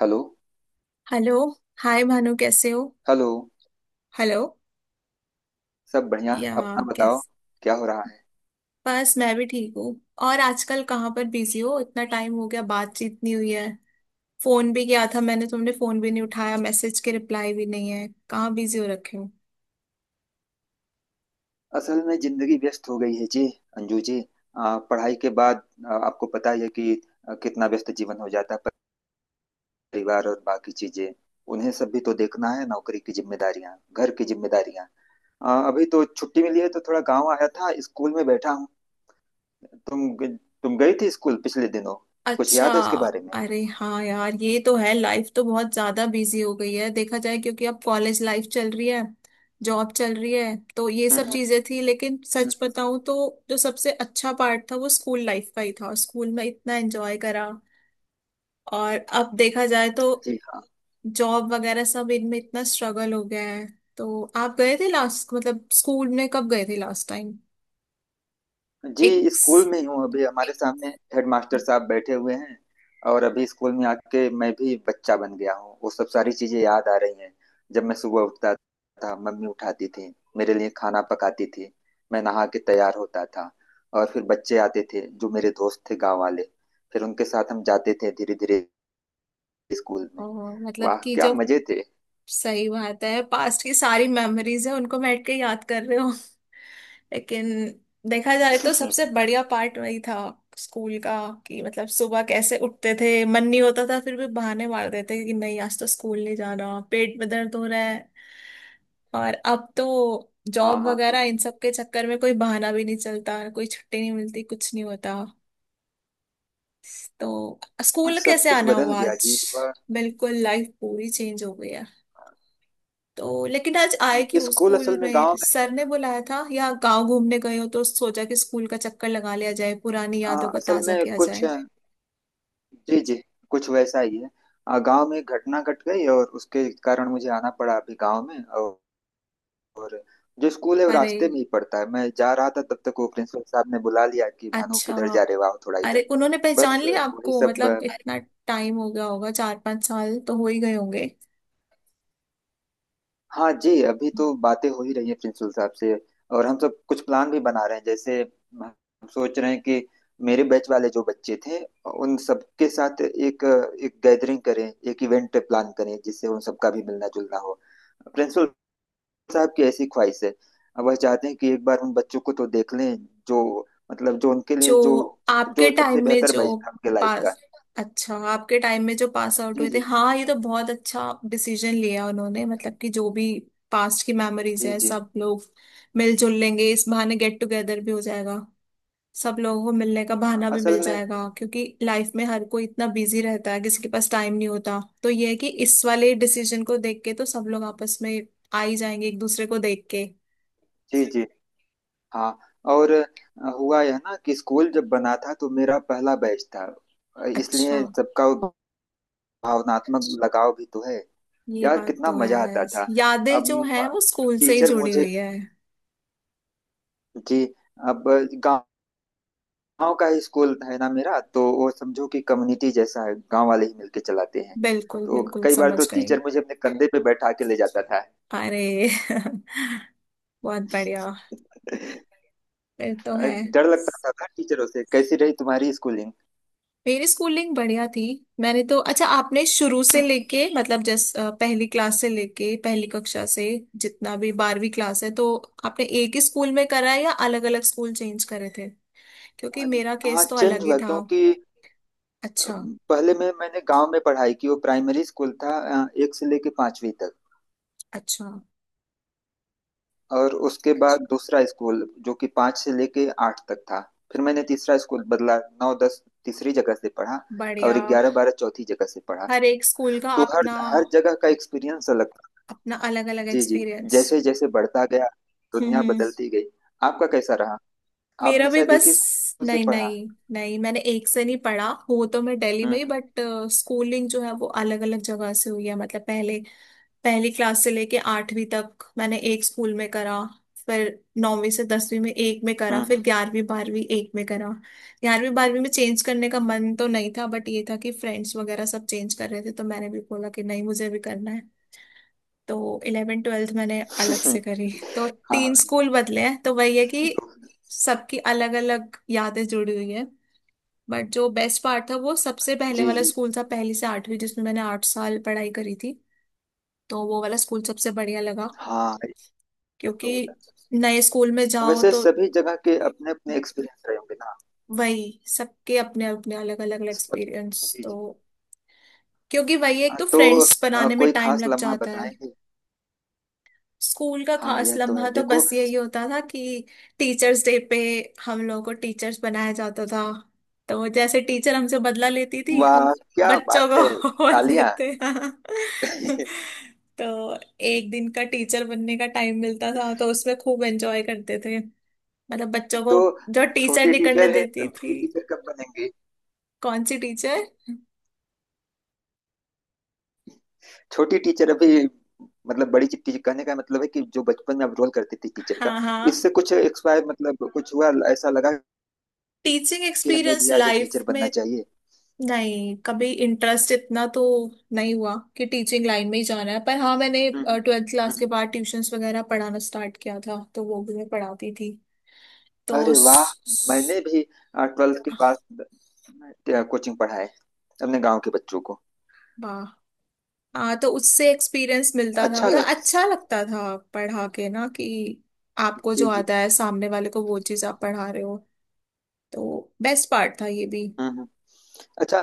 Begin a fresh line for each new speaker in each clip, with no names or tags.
Hello.
Hello. Hi Bhanu, कैसे हो?
Hello.
Hello.
सब बढ़िया,
या।
अपना बताओ।
कैसे?
क्या हो रहा है?
बस मैं भी ठीक हूँ। और आजकल कहाँ पर बिजी हो, इतना टाइम हो गया बातचीत नहीं हुई है। फोन भी किया था मैंने, तुमने फोन भी नहीं उठाया, मैसेज के रिप्लाई भी नहीं है, कहाँ बिजी हो रखे हो?
असल में जिंदगी व्यस्त हो गई है जी। अंजू जी, पढ़ाई के बाद आपको पता ही है कि कितना व्यस्त जीवन हो जाता है। परिवार और बाकी चीजें उन्हें सब भी तो देखना है, नौकरी की जिम्मेदारियां, घर की जिम्मेदारियां। अभी तो छुट्टी मिली है तो थोड़ा गांव आया था, स्कूल में बैठा हूँ। तुम तुम गई थी स्कूल पिछले दिनों? कुछ
अच्छा।
याद है उसके बारे में?
अरे हाँ यार, ये तो है, लाइफ तो बहुत ज्यादा बिजी हो गई है, देखा जाए, क्योंकि अब कॉलेज लाइफ चल रही है, जॉब चल रही है, तो ये
हम्म।
सब
हम्म।
चीजें थी, लेकिन सच
हम्म।
बताऊं तो जो सबसे अच्छा पार्ट था वो स्कूल लाइफ का ही था, स्कूल में इतना एंजॉय करा। और अब देखा जाए तो
जी हाँ।
जॉब वगैरह सब इनमें इतना स्ट्रगल हो गया है। तो आप गए थे लास्ट, मतलब स्कूल में कब गए थे लास्ट टाइम?
जी,
एक
स्कूल
स-
में ही हूँ। अभी हमारे सामने हेडमास्टर साहब बैठे हुए हैं। और अभी स्कूल में आके मैं भी बच्चा बन गया हूँ, वो सब सारी चीजें याद आ रही हैं। जब मैं सुबह उठता था, मम्मी उठाती थी, मेरे लिए खाना पकाती थी। मैं नहा के तैयार होता था और फिर बच्चे आते थे जो मेरे दोस्त थे, गांव वाले। फिर उनके साथ हम जाते थे, धीरे धीरे स्कूल में।
मतलब
वाह
कि
क्या
जो
मजे थे।
सही बात है, पास्ट की सारी मेमोरीज है, उनको बैठ के याद कर रहे हो। लेकिन देखा जाए तो सबसे बढ़िया पार्ट वही था, स्कूल का। कि मतलब सुबह कैसे उठते थे, मन नहीं होता था, फिर भी बहाने मार देते कि नहीं आज तो स्कूल नहीं जाना, पेट में दर्द हो रहा है। और अब तो
हाँ
जॉब
हाँ।
वगैरह इन सब के चक्कर में कोई बहाना भी नहीं चलता, कोई छुट्टी नहीं मिलती, कुछ नहीं होता। तो
हाँ,
स्कूल
सब
कैसे
कुछ
आना
बदल
हुआ
गया
आज?
जी।
बिल्कुल, लाइफ पूरी चेंज हो गई है। तो लेकिन आज आए क्यों,
स्कूल
स्कूल
असल में
में
गांव में ही
सर
है।
ने बुलाया था या गांव घूमने गए हो तो सोचा कि स्कूल का चक्कर लगा लिया जाए, पुरानी यादों
हाँ,
को
असल
ताजा
में
किया
कुछ,
जाए?
जी जी, कुछ वैसा ही है। गांव में एक घटना घट गई और उसके कारण मुझे आना पड़ा अभी गांव में, और जो स्कूल है वो
अरे,
रास्ते में ही पड़ता है। मैं जा रहा था तब तक वो प्रिंसिपल साहब ने बुला लिया कि भानु
अच्छा।
किधर जा रहे हो, आओ थोड़ा
अरे,
इधर।
उन्होंने पहचान
बस
लिया
वही
आपको,
सब।
मतलब इतना टाइम हो गया होगा, 4-5 साल तो हो ही गए होंगे।
हाँ जी, अभी तो बातें हो ही रही है प्रिंसिपल साहब से। और हम सब कुछ प्लान भी बना रहे हैं। जैसे हम सोच रहे हैं कि मेरे बैच वाले जो बच्चे थे, उन सबके साथ एक एक गैदरिंग करें, एक इवेंट प्लान करें जिससे उन सबका भी मिलना जुलना हो। प्रिंसिपल साहब की ऐसी ख्वाहिश है। अब वह चाहते हैं कि एक बार उन बच्चों को तो देख लें, जो जो उनके लिए
जो
जो
आपके
जो सबसे
टाइम में
बेहतर
जो
बैठा उनके लाइफ का।
पास, अच्छा, आपके टाइम में जो पास आउट
जी
हुए थे,
जी।
हाँ, ये तो बहुत अच्छा डिसीजन लिया उन्होंने, मतलब कि जो भी पास्ट की मेमोरीज
जी
है,
जी।
सब लोग मिलजुल लेंगे, इस बहाने गेट टुगेदर भी हो जाएगा। सब लोगों को मिलने का बहाना भी मिल
असल में,
जाएगा, क्योंकि लाइफ में हर कोई इतना बिजी रहता है, किसी के पास टाइम नहीं होता, तो ये है कि इस वाले डिसीजन को देख के तो सब लोग आपस में आ ही जाएंगे एक दूसरे को देख के।
जी जी, हाँ। और हुआ यह ना कि स्कूल जब बना था तो मेरा पहला बैच था।
अच्छा।
इसलिए सबका वो भावनात्मक लगाव भी तो है।
ये
यार
बात
कितना
तो
मजा आता
है।
था।
यादें जो
अब
है वो स्कूल से ही
टीचर
जुड़ी
मुझे।
हुई है।
जी। अब, गांव गांव का ही स्कूल है ना मेरा, तो वो समझो कि कम्युनिटी जैसा है, गांव वाले ही मिलके चलाते हैं।
बिल्कुल
तो
बिल्कुल,
कई बार
समझ
तो
गई।
टीचर मुझे अपने कंधे पे बैठा के ले जाता था।
अरे बहुत बढ़िया। फिर तो है।
डर लगता था ना टीचरों से। कैसी रही तुम्हारी स्कूलिंग?
मेरी स्कूलिंग बढ़िया थी। मैंने तो, अच्छा, आपने शुरू से
हम्म।
लेके मतलब पहली क्लास से लेके पहली कक्षा से जितना भी 12वीं क्लास है, तो आपने एक ही स्कूल में करा है या अलग अलग स्कूल चेंज करे थे? क्योंकि मेरा
हाँ,
केस तो
चेंज
अलग ही
हुआ
था।
क्योंकि
अच्छा।
पहले में मैंने गांव में पढ़ाई की, वो प्राइमरी स्कूल था। एक से लेके पांचवी तक।
अच्छा।
और उसके बाद दूसरा स्कूल जो कि पाँच से लेके आठ तक था। फिर मैंने तीसरा स्कूल बदला, नौ 10 तीसरी जगह से पढ़ा।
बढ़िया।
और 11 12 चौथी जगह से पढ़ा।
हर एक स्कूल का
तो हर
अपना
हर जगह का एक्सपीरियंस अलग था।
अपना अलग अलग
जी जी।
एक्सपीरियंस।
जैसे जैसे बढ़ता गया, दुनिया
हम्म।
बदलती गई। आपका कैसा रहा?
मेरा
आपने
भी
शायद
बस।
एक ही स्कूल से
नहीं
पढ़ा।
नहीं नहीं, मैंने एक से नहीं पढ़ा, हो तो मैं दिल्ली में ही,
हम्म
बट स्कूलिंग जो है वो अलग अलग जगह से हुई है, मतलब पहले पहली क्लास से लेके 8वीं तक मैंने एक स्कूल में करा। फिर नौवीं से 10वीं में एक में करा, फिर
हम्म
11वीं 12वीं एक में करा। 11वीं 12वीं में चेंज करने का मन तो नहीं था, बट ये था कि फ्रेंड्स वगैरह सब चेंज कर रहे थे, तो मैंने भी बोला कि नहीं मुझे भी करना है। तो इलेवेंथ ट्वेल्थ मैंने अलग
हम्म।
से करी। तो
हाँ हाँ।
तीन स्कूल बदले हैं, तो वही है कि सबकी अलग अलग यादें जुड़ी हुई है। बट जो बेस्ट पार्ट था वो सबसे पहले
जी
वाला
जी।
स्कूल था, पहली से 8वीं जिसमें मैंने 8 साल पढ़ाई करी थी। तो वो वाला स्कूल सबसे बढ़िया लगा।
हाँ, ये तो होता
क्योंकि
है।
नए स्कूल में जाओ
वैसे
तो
सभी जगह के अपने अपने एक्सपीरियंस रहे होंगे ना।
वही, सबके अपने अपने अलग अलग
सब।
एक्सपीरियंस
जी
तो।
जी।
क्योंकि वही, एक
हाँ,
तो
तो
फ्रेंड्स बनाने में
कोई
टाइम
खास
लग
लम्हा
जाता है।
बताएंगे?
स्कूल का
हाँ
खास
यह तो
लम्हा
है,
तो
देखो।
बस यही होता था कि टीचर्स डे पे हम लोगों को टीचर्स बनाया जाता था। तो वो जैसे टीचर हमसे बदला लेती थी, हम
वाह क्या
बच्चों
बात है।
को बोल
तालियां।
देते हाँ। तो एक दिन का टीचर बनने का टाइम मिलता था, तो उसमें खूब एंजॉय करते थे, मतलब बच्चों
तो
को जो टीचर
छोटी
नहीं करने
टीचर है,
देती थी।
बड़ी टीचर कब बनेंगी?
कौन सी टीचर।
छोटी टीचर अभी, मतलब बड़ी टीचर कहने का मतलब है कि जो बचपन में आप रोल करती थी टीचर का,
हाँ हाँ।
इससे कुछ एक्सपायर, मतलब कुछ हुआ ऐसा लगा
टीचिंग
कि हमें
एक्सपीरियंस
भी आगे
लाइफ
टीचर बनना
में।
चाहिए?
नहीं कभी इंटरेस्ट इतना तो नहीं हुआ कि टीचिंग लाइन में ही जाना है, पर हाँ मैंने
हम्म
ट्वेल्थ क्लास के
हम्म।
बाद ट्यूशंस वगैरह पढ़ाना स्टार्ट किया था, तो वो भी मैं पढ़ाती थी। तो
अरे वाह, मैंने भी 12th के बाद कोचिंग पढ़ाए अपने गांव के बच्चों को।
वाह हाँ, तो उससे एक्सपीरियंस मिलता था,
अच्छा
मतलब
लगा।
अच्छा लगता था पढ़ा के, ना कि आपको
जी
जो
जी।
आता है सामने वाले को वो चीज़ आप पढ़ा रहे हो। तो बेस्ट पार्ट था ये भी।
हम्म हम्म। अच्छा,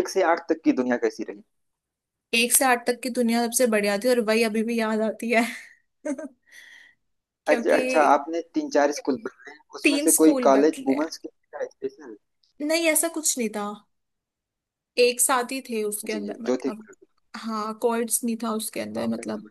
एक से आठ तक की दुनिया कैसी रही?
1 से 8 तक की दुनिया सबसे बढ़िया थी, और वही अभी भी याद आती है।
अच्छा
क्योंकि
अच्छा, आपने तीन चार स्कूल बनाए उसमें
तीन
से कोई
स्कूल
कॉलेज
बदले।
वुमेन्स के लिए था स्पेशल?
नहीं ऐसा कुछ नहीं था, एक साथ ही थे उसके
जी जी
अंदर
जो थे।
मतलब। हाँ कॉर्ड्स नहीं था उसके अंदर
आप।
मतलब।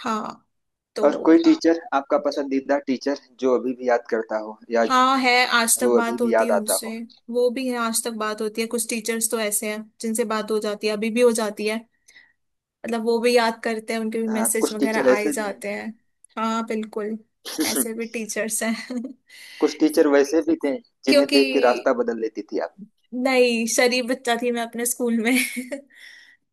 हाँ। तो
और कोई टीचर, आपका पसंदीदा टीचर जो अभी भी याद करता हो, या
हाँ है, आज तक
जो अभी
बात
भी
होती
याद
है
आता
उनसे।
हो?
वो भी है, आज तक बात होती है, कुछ टीचर्स तो ऐसे हैं जिनसे बात हो जाती है अभी भी हो जाती है, मतलब वो भी याद करते हैं, उनके भी
हाँ,
मैसेज
कुछ
वगैरह
टीचर
आए
ऐसे भी
जाते हैं। हाँ बिल्कुल।
हैं।
ऐसे भी टीचर्स हैं।
कुछ टीचर वैसे भी थे जिन्हें
क्योंकि
देख के रास्ता बदल लेती थी आप।
नहीं, शरीफ बच्चा थी मैं अपने स्कूल में।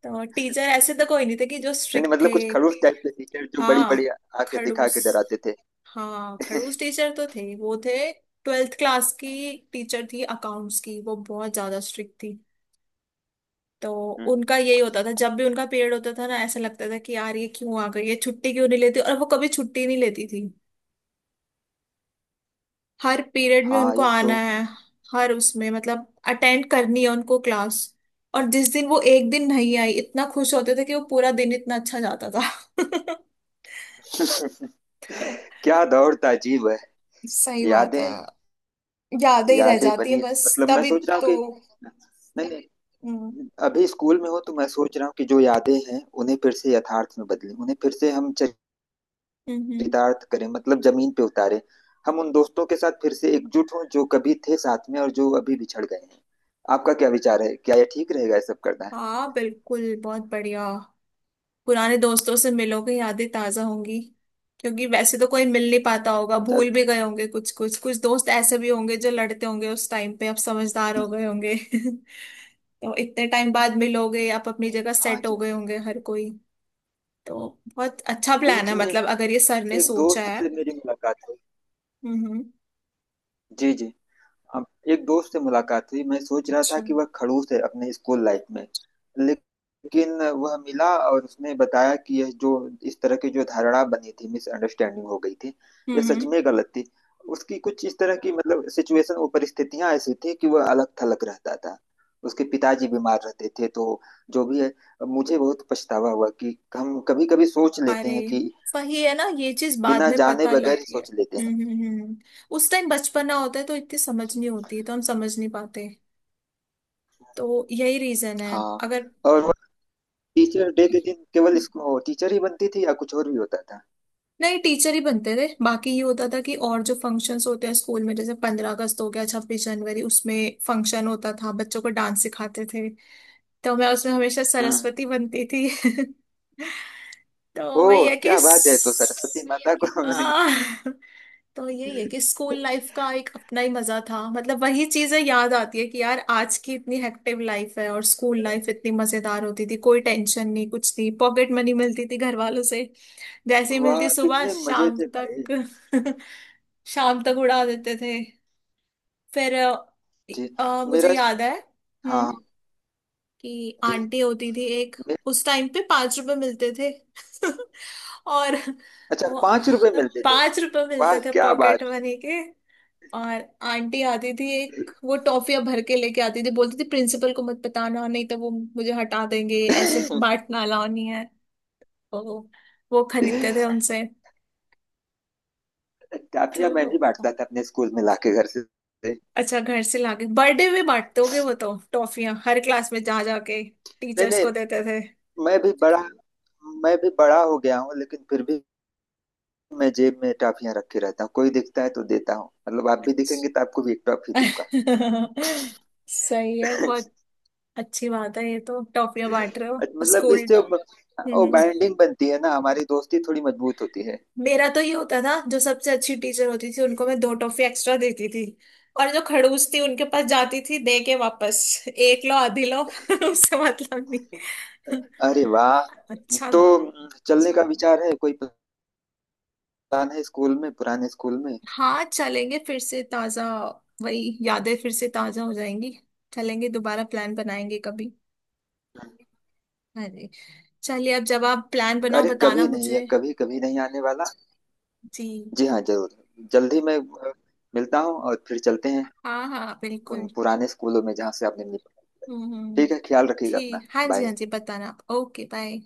तो टीचर ऐसे तो कोई नहीं थे कि जो
नहीं नहीं,
स्ट्रिक्ट
मतलब
थे।
कुछ खड़ूस टाइप के टीचर जो बड़ी बड़ी
हाँ
आके दिखा
खड़ूस।
के डराते थे।
हाँ खड़ूस टीचर तो थे वो थे। ट्वेल्थ क्लास की टीचर थी अकाउंट्स की, वो बहुत ज्यादा स्ट्रिक्ट थी। तो
हम्म।
उनका यही होता था, जब भी उनका पीरियड होता था ना, ऐसा लगता था कि यार ये क्यों आ गई है, छुट्टी क्यों नहीं लेती, और वो कभी छुट्टी नहीं लेती थी। हर पीरियड में
हाँ
उनको
यह
आना
तो।
है, हर उसमें मतलब अटेंड करनी है उनको क्लास। और जिस दिन वो एक दिन नहीं आई, इतना खुश होते थे कि वो पूरा दिन इतना अच्छा जाता था।
क्या दौर था, अजीब है।
सही बात है।
यादें।
यादें ही रह
यादें
जाती है
बनी।
बस
मतलब मैं
तभी
सोच रहा हूँ
तो।
कि, नहीं नहीं,
हम्म,
अभी स्कूल में हो तो मैं सोच रहा हूँ कि जो यादें हैं उन्हें फिर से यथार्थ में बदलें, उन्हें फिर से हम
हम्म।
चरितार्थ करें, मतलब जमीन पे उतारें। हम उन दोस्तों के साथ फिर से एकजुट हों जो कभी थे साथ में और जो अभी बिछड़ गए हैं। आपका क्या विचार है? क्या यह ठीक रहेगा, ये सब करना है?
हाँ बिल्कुल, बहुत बढ़िया। पुराने दोस्तों से मिलोगे, यादें ताजा होंगी, क्योंकि वैसे तो कोई मिल नहीं पाता होगा, भूल
अच्छा।
भी गए होंगे, कुछ कुछ कुछ दोस्त ऐसे भी होंगे जो लड़ते होंगे उस टाइम पे, अब समझदार हो गए होंगे, तो इतने टाइम बाद मिलोगे आप, अपनी जगह
हाँ
सेट
जी।
हो गए होंगे हर कोई। तो बहुत अच्छा प्लान
बीच
है,
में
मतलब अगर ये सर ने
एक
सोचा
दोस्त
है।
से मेरी मुलाकात हुई।
हम्म।
जी जी। अब, एक दोस्त से मुलाकात हुई, मैं सोच रहा था
अच्छा।
कि वह खड़ूस है अपने स्कूल लाइफ में। लेकिन वह मिला और उसने बताया कि यह जो, इस तरह की जो धारणा बनी थी, मिसअंडरस्टैंडिंग हो गई थी। यह सच
हम्म।
में गलत थी। उसकी कुछ इस तरह की, मतलब सिचुएशन, वो परिस्थितियां ऐसी थी कि वह अलग थलग रहता था। उसके पिताजी बीमार रहते थे, तो जो भी है, मुझे बहुत पछतावा हुआ कि हम कभी कभी सोच लेते
अरे,
हैं कि
वही है ना, ये चीज बाद
बिना
में
जाने
पता
बगैर ही
लगी है।
सोच लेते हैं।
हम्म। उस टाइम बचपना होता है, तो इतनी समझ नहीं होती, तो हम समझ नहीं पाते। तो यही रीजन है,
हाँ।
अगर।
और टीचर डे के दिन केवल इसको टीचर ही बनती थी या कुछ और भी होता था?
नहीं, टीचर ही बनते थे, बाकी ये होता था कि और जो फंक्शंस होते हैं स्कूल में, जैसे 15 अगस्त हो गया, 26 जनवरी, उसमें फंक्शन होता था, बच्चों को डांस सिखाते थे। तो मैं उसमें हमेशा
हम्म।
सरस्वती बनती थी। तो वही
ओह
है कि
क्या बात है, तो सरस्वती माता को।
आह, तो यही है कि स्कूल लाइफ का एक अपना ही मजा था, मतलब वही चीजें याद आती है कि यार आज की इतनी हेक्टिव लाइफ है, और स्कूल लाइफ इतनी मजेदार होती थी, कोई टेंशन नहीं, कुछ नहीं, पॉकेट मनी मिलती थी घर वालों से, जैसे ही
वाह
मिलती सुबह
कितने मजे
शाम
थे भाई।
तक। शाम तक उड़ा देते थे। फिर
जी।
मुझे
मेरा।
याद है,
हाँ
कि
जी।
आंटी होती थी एक।
मे-
उस टाइम पे 5 रुपए मिलते थे। और
अच्छा,
वो
5 रुपए मिलते थे?
5 रुपए
वाह
मिलते थे
क्या बात।
पॉकेट मनी के। और आंटी आती थी एक, वो टॉफियां भर के लेके आती थी, बोलती थी प्रिंसिपल को मत बताना नहीं तो वो मुझे हटा देंगे, ऐसे बांटना अलाउ नहीं है। तो वो खरीदते थे उनसे।
काफिया मैं भी
तो
बांटता था अपने स्कूल में लाके घर से। नहीं
अच्छा, घर से लाके बर्थडे में बांटते होगे वो तो, टॉफियां हर क्लास में जा जाके टीचर्स
नहीं,
को देते थे।
मैं भी बड़ा मैं भी बड़ा हो गया हूँ लेकिन फिर भी मैं जेब में टॉफियां रखे रहता हूँ, कोई दिखता है तो देता हूँ। मतलब आप भी दिखेंगे तो आपको भी एक टॉफी दूंगा।
सही है, बहुत अच्छी बात है ये तो, टॉफियां बांट रहे हो
अच्छा, मतलब
स्कूल।
इससे वो
हम्म।
बाइंडिंग बनती है ना, हमारी दोस्ती थोड़ी मजबूत होती है।
मेरा तो ये होता था, जो सबसे अच्छी टीचर होती थी उनको मैं दो टॉफी एक्स्ट्रा देती थी, और जो खड़ूस थी उनके पास जाती थी दे के वापस, एक लो आधी लो। उससे मतलब नहीं।
अरे वाह।
अच्छा
तो
था।
चलने का विचार है? कोई प्लान है स्कूल में, पुराने स्कूल में?
हाँ चलेंगे, फिर से ताजा, वही यादें फिर से ताजा हो जाएंगी। चलेंगे दोबारा, प्लान बनाएंगे कभी। अरे चलिए, अब जब आप प्लान बनाओ
अरे,
बताना
कभी नहीं है,
मुझे।
कभी कभी नहीं आने वाला।
जी
जी हाँ, जरूर। जल्दी मैं मिलता हूँ और फिर चलते हैं
हाँ, हाँ
उन
बिल्कुल।
पुराने स्कूलों में जहाँ से आपने
हम्म हम्म,
ठीक है, ख्याल रखिएगा अपना।
ठीक, हाँ जी हाँ
बाय।
जी, बताना आप। Okay bye.